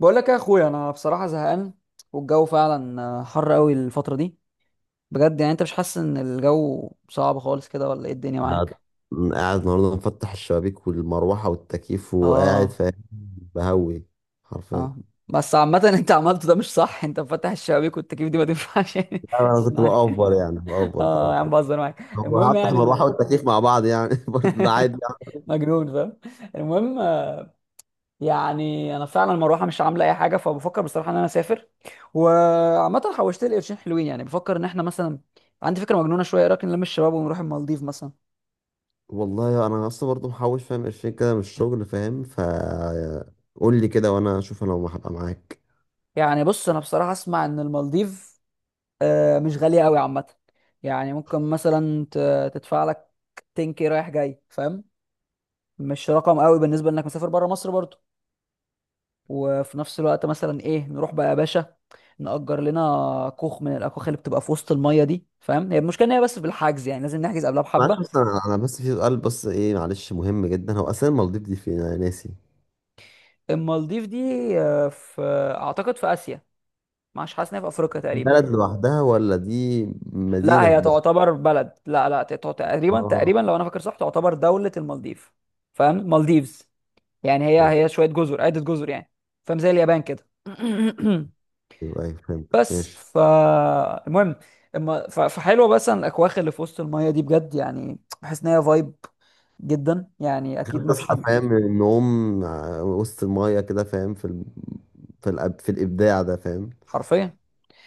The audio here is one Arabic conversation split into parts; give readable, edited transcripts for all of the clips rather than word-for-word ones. بقول لك يا اخويا انا بصراحه زهقان، والجو فعلا حر قوي الفتره دي. بجد، يعني انت مش حاسس ان الجو صعب خالص كده، ولا ايه الدنيا قاعد معاك؟ قاعد النهارده مفتح الشبابيك والمروحه والتكييف وقاعد اه. فاهم. بهوي. حرفيا. اه، بس عامه انت عملته ده مش صح، انت مفتح الشبابيك والتكييف دي ما تنفعش يعني. لا، انا كنت اسمعني. بأفور يعني بأفور اه يا عم، بأفور بهزر معاك. طب المهم هفتح يعني المروحه انه والتكييف مع بعض يعني برضه ده عادي يعني. مجنون، فاهم؟ المهم يعني انا فعلا المروحه مش عامله اي حاجه، فبفكر بصراحه ان انا اسافر. وعامه حوشت لي قرشين حلوين، يعني بفكر ان احنا مثلا، عندي فكره مجنونه شويه، إيه رايك نلم الشباب ونروح المالديف مثلا؟ والله انا اصلا برضه محوش فاهم 20 كده من الشغل فاهم. قول لي كده وانا اشوف انا هبقى معاك. يعني بص، انا بصراحه اسمع ان المالديف مش غاليه قوي عامه. يعني ممكن مثلا تدفع لك 10K رايح جاي فاهم، مش رقم قوي بالنسبه انك مسافر بره مصر برضه. وفي نفس الوقت مثلا ايه، نروح بقى يا باشا، نأجر لنا كوخ من الاكواخ اللي بتبقى في وسط الميه دي، فاهم؟ هي المشكله ان هي بس بالحجز، يعني لازم نحجز قبلها بحبه. معلش بس انا بس في سؤال بس ايه معلش مهم جدا. هو اساسا المالديف دي فين؟ انا ناسي. المالديف دي في اعتقد في اسيا. مش حاسس ان هي في افريقيا تقريبا؟ بلد لوحدها ولا دي لا مدينه هي في بلد؟ تعتبر بلد، لا لا تقريبا اه. تقريبا لو انا فاكر صح تعتبر دولة المالديف. فاهم مالديفز؟ يعني هي اوكي. هي شوية جزر، عدة جزر يعني. فاهم، زي اليابان كده. ايوه فهمت. بس ماشي. فالمهم، اما فحلوة، بس أن الاكواخ اللي في وسط المية دي بجد يعني بحس ان هي فايب جدا، يعني اكيد ما فيش تصحى حد. فاهم من النوم، وسط المية كده فاهم في الإبداع ده فاهم. حرفيا.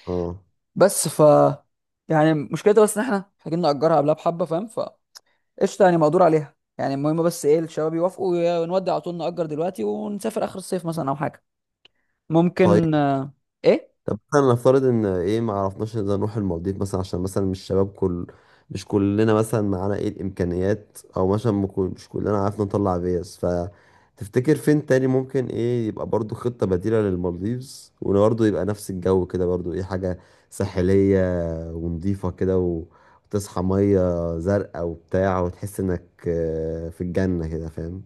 اه. بس ف يعني مشكلتها بس ان احنا محتاجين نأجرها قبلها بحبة، فاهم. قشطه، يعني مقدور عليها يعني. المهم بس ايه الشباب يوافقوا، ونودي على طول نأجر دلوقتي ونسافر اخر الصيف مثلا او حاجه. طيب. ممكن ايه. مثلا نفترض إن إيه ما عرفناش إذا نروح المالديف مثلا عشان مثلا مش شباب مش كلنا مثلا معانا إيه الإمكانيات، أو مثلا ما كل- مش كلنا عارف نطلع فيز. فتفتكر فين تاني ممكن إيه يبقى برضو خطة بديلة للمالديفز وبرضه يبقى نفس الجو كده، برضو إيه حاجة ساحلية ونضيفة كده وتصحى مية زرقاء وبتاع وتحس انك في الجنة كده فاهم.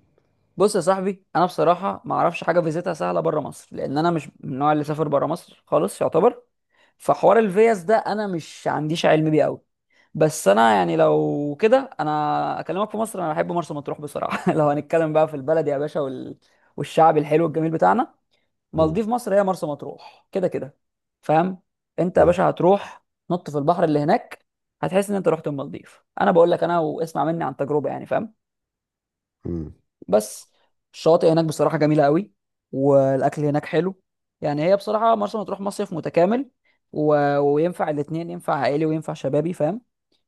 بص يا صاحبي، انا بصراحه ما اعرفش حاجه فيزيتها سهله بره مصر، لان انا مش من النوع اللي سافر بره مصر خالص يعتبر. فحوار الفيز ده انا مش عنديش علم بيه قوي. بس انا يعني لو كده انا اكلمك في مصر، انا بحب مرسى مطروح بصراحه. لو هنتكلم بقى في البلد يا باشا والشعب الحلو الجميل بتاعنا، مم. مالديف مصر هي مرسى مطروح كده كده. فاهم؟ انت يا ايه. باشا هتروح نط في البحر اللي هناك، هتحس ان انت رحت المالديف. انا بقول لك انا، واسمع مني عن تجربه يعني، فاهم. مم. بس الشواطئ هناك بصراحه جميله قوي، والاكل هناك حلو. يعني هي بصراحه مرسى مطروح مصيف متكامل، وينفع الاتنين، ينفع عائلي وينفع شبابي، فاهم.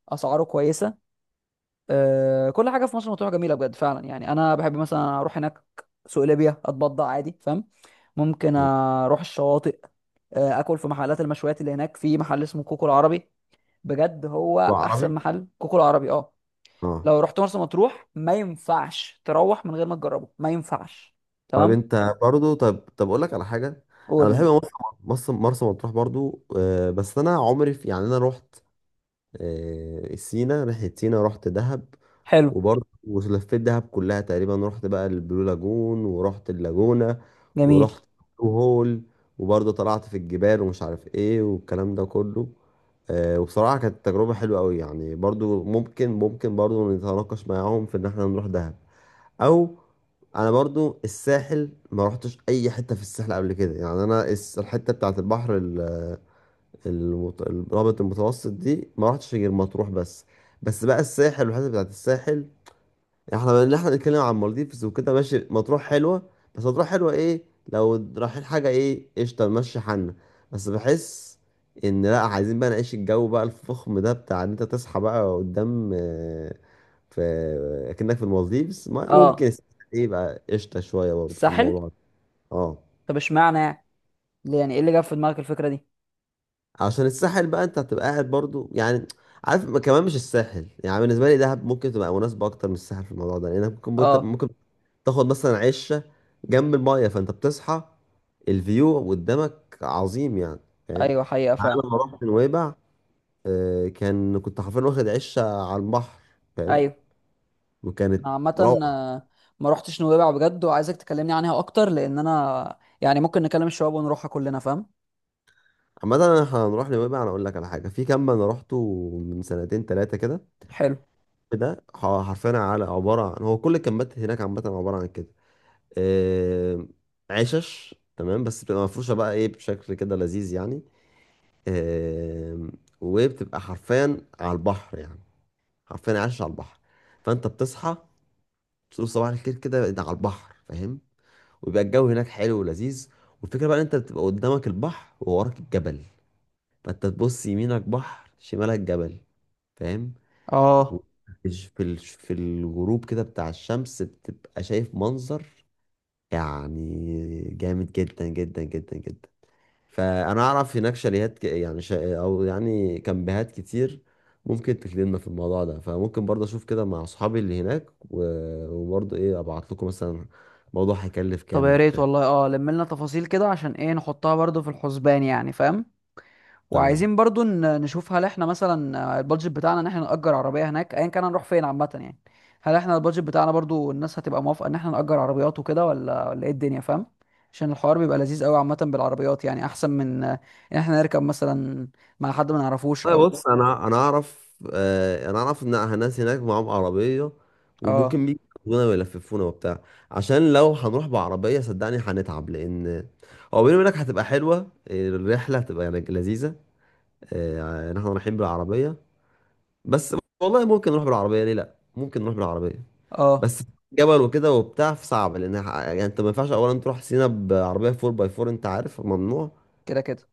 اسعاره كويسه. كل حاجه في مرسى مطروح جميله بجد فعلا، يعني انا بحب مثلا اروح هناك، سوق ليبيا اتبضع عادي، فاهم. ممكن مم. اروح الشواطئ، اكل في محلات المشويات اللي هناك، في محل اسمه كوكو العربي، بجد هو احسن عربي. محل، كوكو العربي اه. اه. لو رحت مرسى مطروح ما ينفعش تروح من غير ما تجربه، ما ينفعش. طب تمام. انت برضو طب اقول لك على حاجة. انا قول بحب لي. مرسى مطروح برضو، بس انا عمري في يعني انا رحت، سينا ناحية سينا رحت دهب. حلو. وبرضه ولفيت دهب كلها تقريبا، رحت بقى البلو لاجون ورحت اللاجونة جميل. ورحت البلو هول، وبرضه طلعت في الجبال ومش عارف ايه والكلام ده كله. وبصراحة كانت تجربة حلوة قوي يعني، برضه ممكن برضه نتناقش معاهم في ان احنا نروح دهب. او انا برضو الساحل ما رحتش اي حته في الساحل قبل كده، يعني انا الحته بتاعت البحر الرابط المتوسط دي ما رحتش غير مطروح بس. بس بقى الساحل والحته بتاعت الساحل، احنا بنتكلم عن مالديفز وكده، ماشي مطروح حلوه، بس مطروح حلوه ايه؟ لو رايحين حاجه ايه، قشطه نمشي حالنا. بس بحس ان لا عايزين بقى نعيش الجو بقى الفخم ده، بتاع ان انت تصحى بقى قدام، في اكنك في المالديفز، اه. ممكن. ايه بقى قشطه شويه برضه في الساحل. الموضوع ده. اه. طب اشمعنى يعني، ليه يعني، ايه اللي جاب في دماغك الفكره دي؟ عشان الساحل بقى انت هتبقى قاعد برضو، يعني عارف، كمان مش الساحل يعني بالنسبه لي، دهب ممكن تبقى مناسبه اكتر من الساحل في الموضوع ده، لانك ممكن ممكن اه. ممكن تاخد مثلا عشه جنب المايه، فانت بتصحى الفيو قدامك عظيم يعني فاهم. ايوه حقيقه فعلا. في نويبع كنت حرفيا واخد عشه على البحر فاهم، ايوه. وكانت انا عامه روعه. آه، ما رحتش نويبع بجد، وعايزك تكلمني عنها اكتر، لان انا يعني ممكن نكلم الشباب ونروحها كلنا، فاهم. عامة انا هنروح نويبع، انا اقول لك على حاجه. في كامب انا روحته من سنتين ثلاثه كده، حلو. ده حرفيا على عباره عن، هو كل الكامبات هناك عامه عباره عن كده، آه، عشش تمام، بس بتبقى مفروشة بقى ايه بشكل كده لذيذ يعني. آه، وبتبقى حرفيا على البحر يعني، حرفيا عايش على البحر. فانت بتصحى تقول صباح الخير كده ده على البحر فاهم. ويبقى الجو هناك حلو ولذيذ. والفكرة بقى ان انت بتبقى قدامك البحر ووراك الجبل، فانت تبص يمينك بحر شمالك جبل فاهم. و- اه. في في الغروب كده بتاع الشمس، بتبقى شايف منظر يعني جامد جدا جدا جدا جدا. فانا اعرف هناك شاليهات يعني او يعني كامبهات كتير ممكن تخدمنا في الموضوع ده. فممكن برضه اشوف كده مع اصحابي اللي هناك وبرضه ايه ابعت لكم مثلا الموضوع هيكلف طب كام يا ريت وبتاع. والله، اه لم لنا تفاصيل كده عشان ايه نحطها برضو في الحسبان، يعني فاهم. تمام. وعايزين برضو نشوف هل احنا مثلا البادجت بتاعنا ان احنا نأجر عربية هناك، ايا كان هنروح فين عامة يعني. هل احنا البادجت بتاعنا برضو الناس هتبقى موافقة ان احنا نأجر عربيات وكده، ولا ايه الدنيا، فاهم. عشان الحوار بيبقى لذيذ قوي عامة بالعربيات، يعني احسن من ان احنا نركب مثلا مع حد ما نعرفوش طيب او. بص، انا اعرف ان الناس هناك معاهم عربيه، اه. وممكن بيجونا ويلففونا وبتاع. عشان لو هنروح بعربيه صدقني هنتعب، لان هو بيني وبينك هتبقى حلوه الرحله، هتبقى يعني لذيذه ان احنا رايحين بالعربيه. بس والله ممكن نروح بالعربيه، ليه لا، ممكن نروح بالعربيه. اه. بس جبل وكده وبتاع صعب، لان يعني انت ما ينفعش اولا تروح سينا بعربيه 4 باي 4، انت عارف ممنوع. كده كده.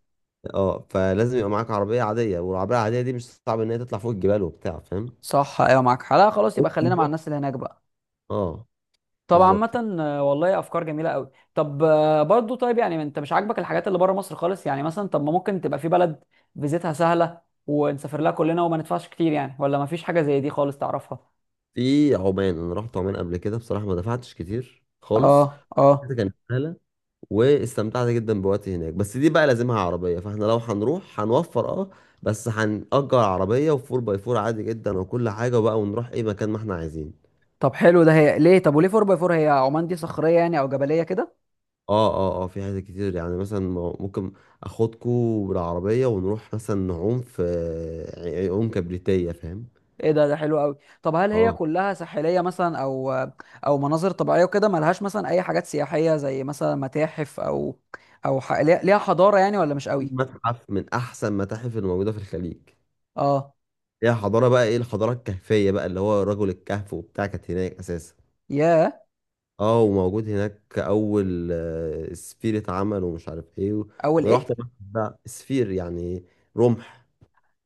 اه. فلازم يبقى معاك عربيه عاديه، والعربيه العاديه دي مش صعب ان هي تطلع فوق الجبال وبتاع فاهم. صح، ايوه معاك حق. لا خلاص، يبقى خلينا مع نروح- الناس اللي هناك بقى. اه. طب بالظبط كده. عامة والله افكار جميلة قوي. طب برضو طيب، يعني انت مش عاجبك الحاجات اللي بره مصر خالص يعني مثلا؟ طب ما ممكن تبقى في بلد فيزيتها سهلة ونسافر لها كلنا وما ندفعش كتير يعني، ولا ما فيش حاجة زي دي خالص تعرفها؟ في عمان، انا رحت عمان قبل كده بصراحه ما دفعتش كتير خالص. اه اه. كان واستمتعت جدا بوقتي هناك، بس دي بقى لازمها عربية، فاحنا لو هنروح هنوفر اه. بس هنأجر عربية وفور باي فور عادي جدا، وكل حاجة بقى ونروح اي مكان ما احنا عايزين. طب حلو ده. هي ليه، طب وليه 4 باي 4، هي عمان دي صخريه يعني او جبليه كده؟ اه اه اه. في حاجات كتير يعني مثلا، ممكن اخدكوا بالعربية ونروح مثلا نعوم في عيون كبريتية فاهم. ايه ده، ده حلو قوي. طب هل هي اه. كلها ساحليه مثلا او او مناظر طبيعيه وكده، ملهاش مثلا اي حاجات سياحيه زي مثلا متاحف، او او ليها حضاره يعني، ولا مش في قوي؟ متحف من احسن متاحف الموجودة في الخليج. اه. هي حضارة بقى ايه، الحضارة الكهفية بقى اللي هو رجل الكهف وبتاع، كانت هناك اساسا. ياه. اه. وموجود هناك اول، سفيرة عمل ومش عارف ايه اول انا رحت ايه؟ المتحف ده. سفير يعني، رمح.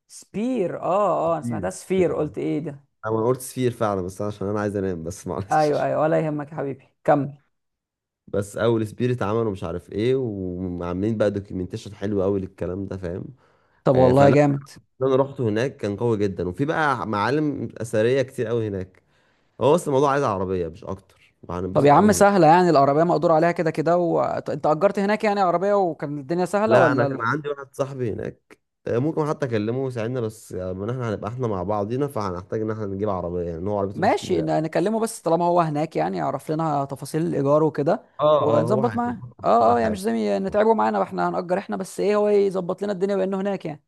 سبير اه اه، انا سمعتها سفير. سفير قلت آه. ايه ده. انا قلت سفير فعلا بس عشان انا عايز انام بس ايوه معلش. ايوه، ولا يهمك يا حبيبي، كمل. بس اول سفير اتعمل ومش عارف ايه، وعاملين بقى دوكيومنتيشن حلو قوي للكلام ده فاهم. طب والله فلا، جامد. اللي انا رحت هناك كان قوي جدا، وفي بقى معالم اثريه كتير قوي هناك. هو بس الموضوع عايز عربيه مش اكتر، طب يا وهننبسط عم قوي هناك. سهلة، يعني العربية مقدور عليها كده كده، انت أجرت هناك يعني عربية وكان الدنيا سهلة لا انا ولا كان عندي واحد صاحبي هناك، ممكن حتى اكلمه يساعدنا. بس من احنا هنبقى احنا مع بعضينا، فهنحتاج ان احنا نجيب عربيه، يعني إن هو عربيته مش ماشي، كبيره قوي. نكلمه، بس طالما هو هناك يعني يعرف لنا تفاصيل الإيجار وكده، اه اه. هو ونظبط معاه. هيظبط كل اه اه، يعني مش حاجه. زي نتعبه معانا واحنا هنأجر احنا، بس ايه هو يظبط لنا الدنيا بأنه هناك يعني.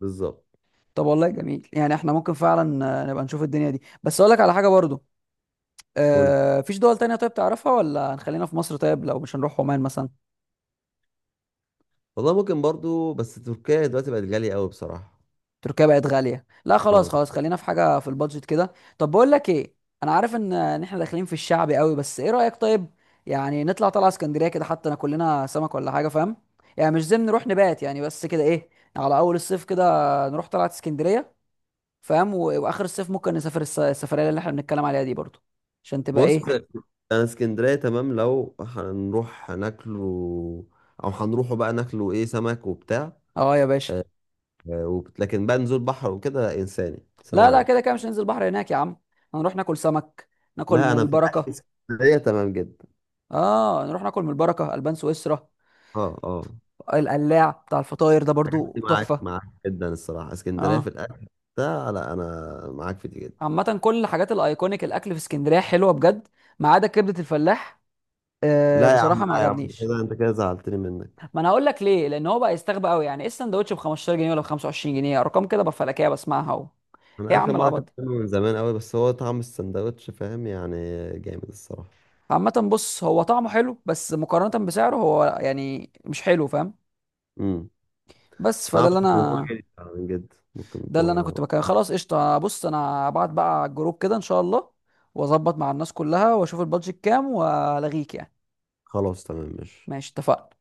بالظبط. طب والله جميل، يعني احنا ممكن فعلا نبقى نشوف الدنيا دي، بس اقول لك على حاجة برضو، قول. فيش دول تانية طيب تعرفها، ولا هنخلينا في مصر؟ طيب لو مش هنروح عمان مثلا؟ والله ممكن برضو، بس تركيا دلوقتي بقت غاليه قوي بصراحه. تركيا بقت غالية، لا خلاص اه. خلاص، خلينا في حاجة في البادجت كده. طب بقول لك ايه، انا عارف ان احنا داخلين في الشعب قوي، بس ايه رأيك طيب يعني نطلع طلعة اسكندرية كده، حتى ناكل لنا سمك ولا حاجة، فاهم. يعني مش زم نروح نبات يعني، بس كده ايه، على اول الصيف كده نروح طلعة اسكندرية، فاهم، واخر الصيف ممكن نسافر السفرية اللي احنا بنتكلم عليها دي برضو، عشان تبقى بص ايه. انا اسكندريه تمام. لو هنروح هناكله، او هنروحوا بقى ناكله ايه سمك وبتاع، اه يا باشا. لكن بقى نزول بحر وكده انساني، سلام لا لا، عليكم. كده كده مش هننزل بحر هناك يا عم، هنروح ناكل سمك، ناكل لا من انا في الاكل البركه. اسكندريه تمام جدا. اه، نروح ناكل من البركه، البان سويسرا، اه اه. القلاع بتاع الفطاير ده برضو معاك تحفه. معاك جدا الصراحه، اسكندريه في اه. الاكل ده. لا انا معاك في دي جدا. عامه كل الحاجات الايكونيك، الاكل في اسكندريه حلوه بجد، ما عدا كبده الفلاح، آه لا يا عم بصراحه ما لا يا عم، انت عجبنيش. كده انت كده زعلتني منك. ما انا هقول لك ليه، لان هو بقى يستغبى قوي، يعني ايه السندوتش ب 15 جنيه ولا ب 25 جنيه؟ ارقام كده بفلكيه بسمعها، ايه يا انا اخر عم مره العبط اكلت ده. منه من زمان قوي، بس هو طعم السندوتش فاهم يعني جامد الصراحه. عامة بص، هو طعمه حلو بس مقارنة بسعره هو يعني مش حلو، فاهم. امم بس ما فده اعرفش اللي كده، هو انا جامد فعلاً جدا، ممكن ده انت اللي انا ما... كنت بكلم. خلاص قشطه، بص انا هبعت بقى على الجروب كده ان شاء الله، واظبط مع الناس كلها واشوف البادجت كام والغيك يعني. خلاص تمام ماشي. ماشي، اتفقنا.